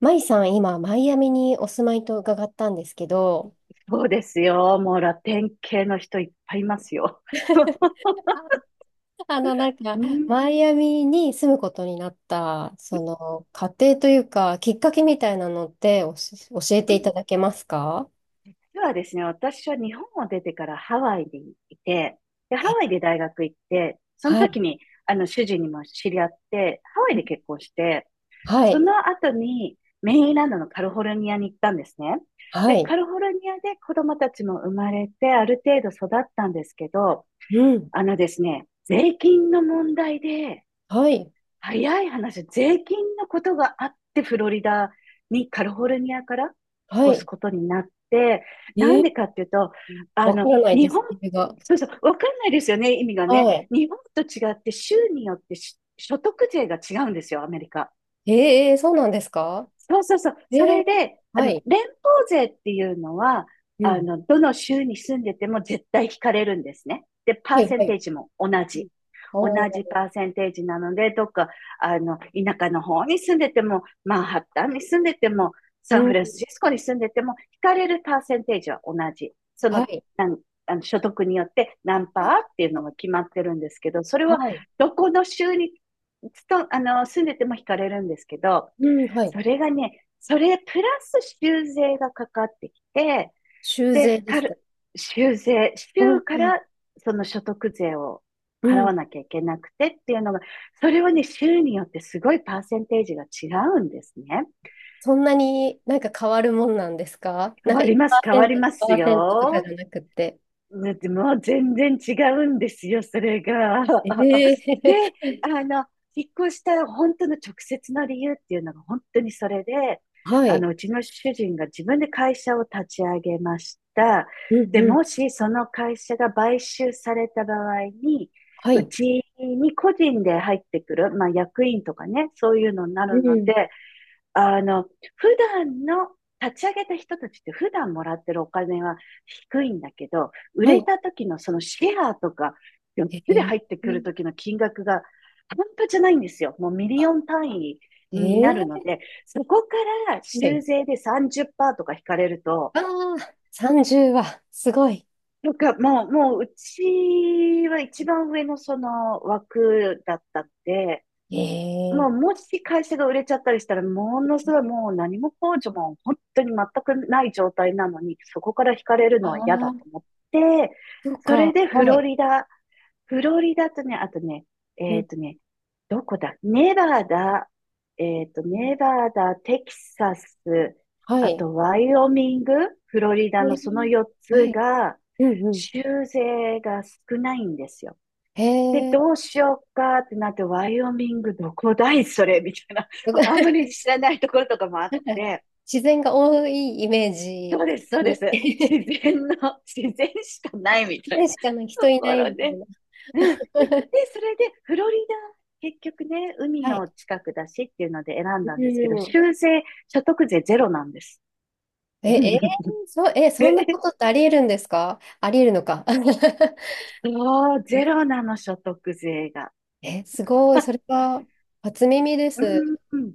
マイさん、今、マイアミにお住まいと伺ったんですけど、そうですよ。もうラテン系の人いっぱいいますよ。なんか、うん、マイアミに住むことになった、その、過程というか、きっかけみたいなのって教えうていたん。だけますか？ではですね、私は日本を出てからハワイにいて、で、ハワイで大学行って、そのはい。時に、主人にも知り合って、ハワイで結婚して、はそい。の後にメインランドのカリフォルニアに行ったんですね。はで、い。カリフォルニアで子供たちも生まれて、ある程度育ったんですけど、うん。あのですね、税金の問題で、はい。早い話、税金のことがあって、フロリダに、カリフォルニアから引っは越すい。ことになって、なえんでかっていうと、あわの、からない日です、本、理由が。そうそう、わかんないですよね、意味がね。は日本と違って、州によって所得税が違うんですよ、アメリカ。い。そうなんですか？そうそうそう。えそー、れで、はい。連邦税っていうのは、うん。どの州に住んでても絶対引かれるんですね。で、パはーい、セはンい。テージも同じ。同おじー、パーセンテージなので、どっか、田舎の方に住んでても、マンハッタンに住んでても、うサンフランん。シスコに住んでても、引かれるパーセンテージは同じ。その、はい。なんあの所得によって何パーっていうのが決まってるんですけど、それははい。どこの州につとあの住んでても引かれるんですけど、うん、はい。それがね、それプラス修税がかかってきて、修で、繕でかすか？る、修税、う州んかうん。らその所得税をう払わん。なきゃいけなくてっていうのが、それはね、州によってすごいパーセンテージが違うんですね。そんなになんか変わるもんなんですか？変なんかわります、変わり1%、にまパすーセントとかじよ。ゃなくて。だってもう全然違うんですよ、それが。えで、え あの、引っ越した本当の直接の理由っていうのが本当にそれで、はい。うちの主人が自分で会社を立ち上げました。うんで、うん。もしその会社が買収された場合に、はうい。ちに個人で入ってくる、まあ役員とかね、そういうのになうるのん。で、あの、普段の立ち上げた人たちって普段もらってるお金は低いんだけど、売はれい。た時のそのシェアとか、4えつでえ入ってくる時の金額が半端じゃないんですよ。もうミリオン単位になえるのえ、で、そこからはい。修税で30%とか引かれると、ああ、30は、すごい。なんかもう、もううちは一番上のその枠だったんで、もえうえ、もし会社が売れちゃったりしたら、ものすごいもう何も控除も本当に全くない状態なのに、そこから引かれるのはああ嫌だとー、思って、そうそれか。でフはい。ロリダ、フロリダとね、あとね、うえんっとね、どこだネバダ、うん。ネバダ、テキサス、はあい。とワイオミング、フロリえダのその4え、はつい。が、うんうん。州税が少ないんですよ。へで、え。どうしようかってなって、ワイオミングどこだいそれみたいな。あんまり 知らないところとかもあっなんか、て、自然が多いイメージ、そうで勝す、そ手うでに。す。自 然の、自然しかないみ自たい然な しかな 人といなこいろみで。たいな。うん。で、それで、フロリダ、結局ね、海はい。の近くだしっていうので選んうだんですけど、ん。州税、所得税ゼロなんです。え、そう、え、えそんなことってありえるんですか？ありえるのか。ゼロなの、所得税が。え、すごい。それは、初耳です。うん、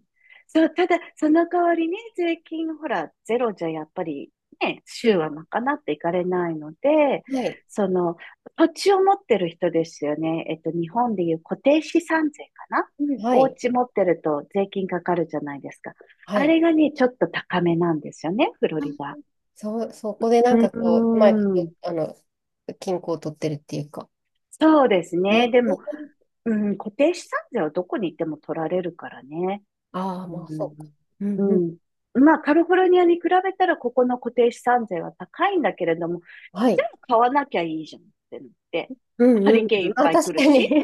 そう、ただ、その代わりね、税金、ほら、ゼロじゃやっぱりね、う州はん。賄っていかれないので、はい。その、土地を持ってる人ですよね。日本でいう固定資産税かな、うんはおい。家持ってると税金かかるじゃないですか。はあい。れがね、ちょっと高めなんですよね、フロあリダ。そこでなんかこうう、うまいこん。と、均衡を取ってるっていうか。そうですね。ね。でも、うん、固定資産税はどこに行っても取られるからね。ああ、うまあ、そうか。ん。うんううん。ん、まあ、カリフォルニアに比べたら、ここの固定資産税は高いんだけれども、はじい。ゃあ買わなきゃいいじゃんってなって、うんハうんリケーンういん。っあ、ぱい来確るかに。し、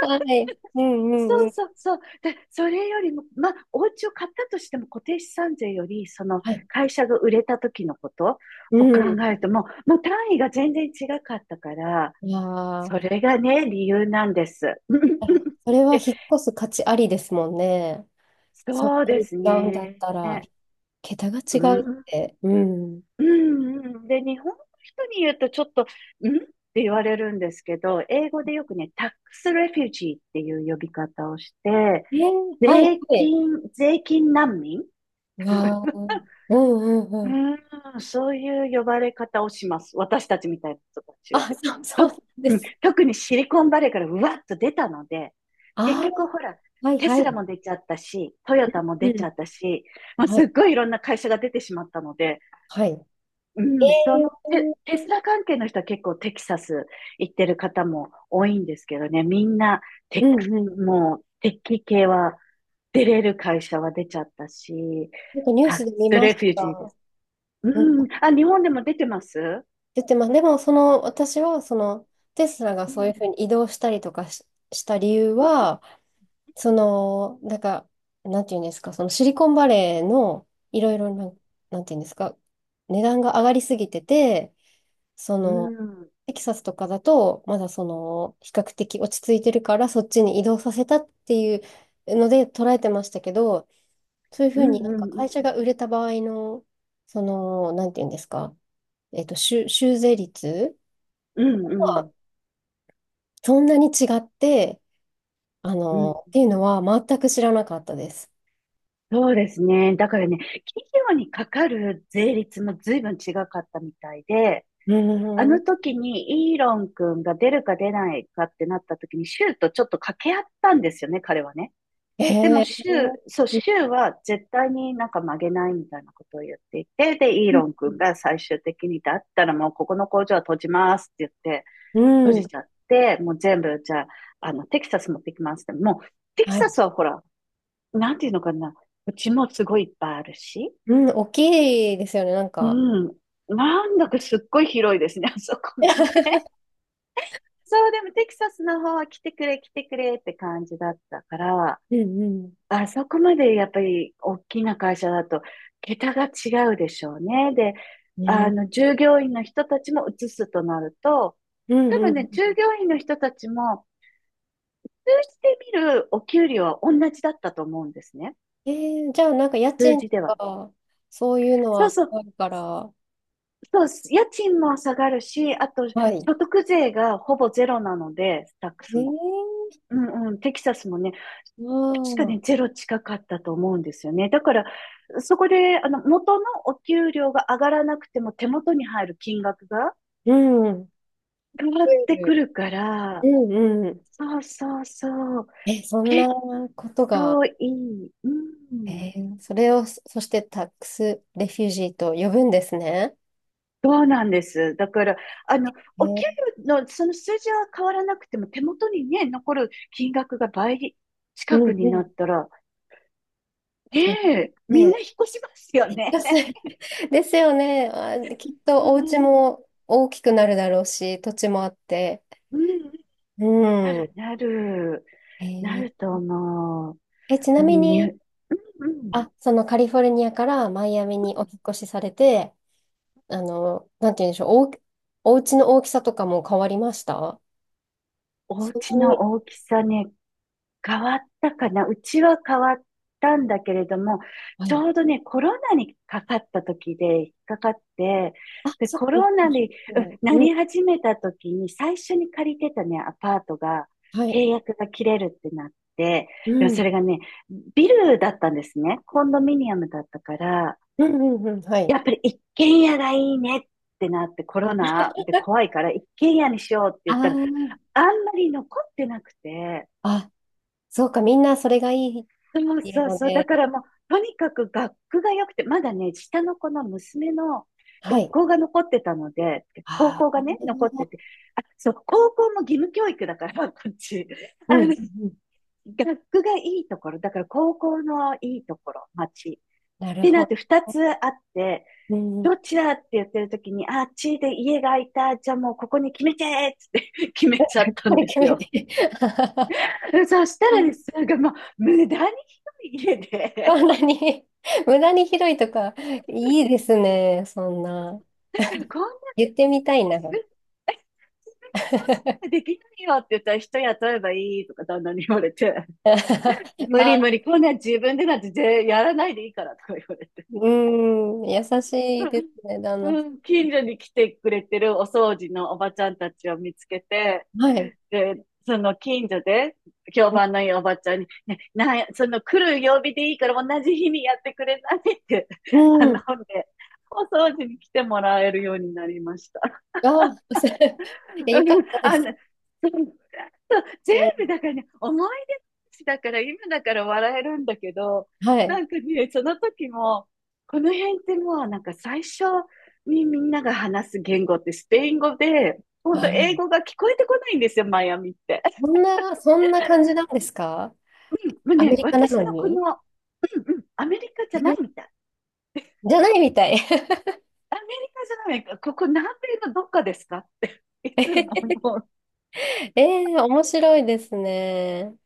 はい。うんうそんううん。そうそう。で、それよりも、まあ、お家を買ったとしても固定資産税より、そのはい。会社が売れた時のことうを考ん。えてももう単位が全然違かったから、いやー、それがね、理由なんです。それはで、引っ越す価値ありですもんね。そんそうなでに違すうんだっね。たら、桁がう違うっん、て。うん。うん、うん。で、日本の人に言うとちょっと、んって言われるんですけど、英語でよくね、タックスレフュージーっていう呼び方をして、はい、税はい。金、税金難民。わー、うんうんうん。うん、そういう呼ばれ方をします。私たちみたいな人たちが。あ、そう、そうなと、んでうん、すね。特にシリコンバレーからうわっと出たので、結あ局ほら、あ、はい、テスはラもい。出ちゃったし、トヨタもう出ちん。ゃったし、まあ、はすい、っごいいろんな会社が出てしまったので、はい。うん、そのー、テスラ関係の人は結構テキサス行ってる方も多いんですけどね、みんなうテッんうク、ん。もうテッキ系は出れる会社は出ちゃったし、なんかニュータッスクで見スまレしフュージーでた。す。うん、あ、日本でも出てます。出てます。でも、その、私は、その、テスラがうそういん、うふうに移動したりとかした理由は、その、なんか、なんていうんですか、そのシリコンバレーのいろいろな、なんていうんですか、値段が上がりすぎてて、そうの、ん、うん、テキサスとかだと、まだその、比較的落ち着いてるから、そっちに移動させたっていうので捉えてましたけど、そういうふううん、になんうか会ん、社が売れた場合の、その、なんていうんですか、修税率うん、うん、うん、そんなに違って、うん。っていうのは全く知らなかったです。そうですね。だからね、企業にかかる税率も随分違かったみたいで、うあのん。時にイーロン君が出るか出ないかってなった時に、シューとちょっと掛け合ったんですよね、彼はね。えでも、え、シュー、うそう、んシューは絶対になんか曲げないみたいなことを言っていて、で、イーロン君が最終的に、だったらもうここの工場は閉じますって言って、う閉んうじん。ちゃって、もう全部、じゃあ、テキサス持ってきますって。もう、テキはサい。スはほら、なんていうのかな、うちもすごいいっぱいあるし、うん、大きいですよね、なんうか。ん、なんだかすっごい広いですね、あそこも ね。そう、でもテキサスの方は来てくれ、来てくれって感じだったから、うんあそこまでやっぱり大きな会社だと、桁が違うでしょうね。で、うん。ね。従業員の人たちも移すとなると、うん多う分ん。ね、従業員の人たちも、数字で見るお給料は同じだったと思うんですね。えじゃあ、なんか家数賃字でとは。か、そういうのそはう下そう、がるから、そう、家賃も下がるし、あと、はい。所得税がほぼゼロなので、スタックえスも。ー、うん、うん、テキサスもね、確かあね、あ、ゼロ近かったと思うんですよね。だから、そこで、元のお給料が上がらなくても手元に入る金額がうん。変わ増ってえくる、るかうら、んうん。そうそうそう、え、そんな結ことが。構いい。うん。それをそしてタックスレフュージーと呼ぶんですね。そうなんです。だから、あの、えお給ー、料のその数字は変わらなくても手元にね、残る金額が倍う近くんにうなっん。たら、ねそうえ、みんなね。引っ越しますよね。安い ですよね。あ、きっ うとお家ん。も大きくなるだろうし、土地もあって。うんなうる、ん。なる、えなーると思う。え、ちなみに、に、うん、あ、そのカリフォルニアからマイアミにお引っ越しされて、なんて言うんでしょう、お家の大きさとかも変わりました？おそんな家の大に。きさね、変わったかな。うちは変わったんだけれども、はちい。ょうどね、コロナにかかった時で、引っかかって、あ、で、そっか。コロナに、うんなうん。り始めた時に、最初に借りてたね、アパートが、はい。契約が切れるってなって、うでもんそれがね、ビルだったんですね。コンドミニアムだったから、うんうんうん、はい。やっぱり一軒家がいいねってなって、コロナで怖いから一軒家にしようって言ったら、ああんまり残ってなくて、あ、あ、そうか、みんなそれがいいっそうていうそうのそう、だで、からもう、とにかく学区が良くて、まだね、下の子の娘のは学い。校が残ってたので、高あ校があ、ね、残ってて、あ、そう、高校も義務教育だから、こっち。うあんうの、んうん、学区がいいところ、だから高校のいいところ、町。なっるてなほって二ど。つあって、うどん、っちだって言ってる時に、あっちで家が空いた。じゃあもうここに決めてーっつって 決めちゃっ たこんれで決すめよ。て。そした らでん、すね、なんかもう無駄に広い家そで、んなに 無駄に広いとか、いいですね、そんな。だからこんな言ってみたい自な。分、自分にそうしたら できないよって言ったら人雇えばいいとか旦那に言われて、無あ、理無理、こんな自分でなんてやらないでいいからとか言われて。うん、優しいで すね、旦那うさん、近所に来てくれてるお掃除のおばちゃんたちを見つけて、ん。はい。で、その近所で評判のいいおばちゃんに、ね、なんや、その来る曜日でいいから同じ日にやってくれないって 頼んうん。で、お掃除に来てもらえるようになりました。あ、いや、よかった であすの、そう、全ね。部だからね、思い出話だから、今だから笑えるんだけど、はない。んかね、その時も、この辺ってもうなんか最初にみんなが話す言語ってスペイン語で、本当英語が聞こえてこないんですよ、マイアミって。そんな感じなんですか？もうアメね、リカな私ののこの、に？うん、うん、アメリカじゃないみえ、たい。じゃないみたい。アメリカじゃない、ここ南米のどっかですかっていつも もう面白いですね。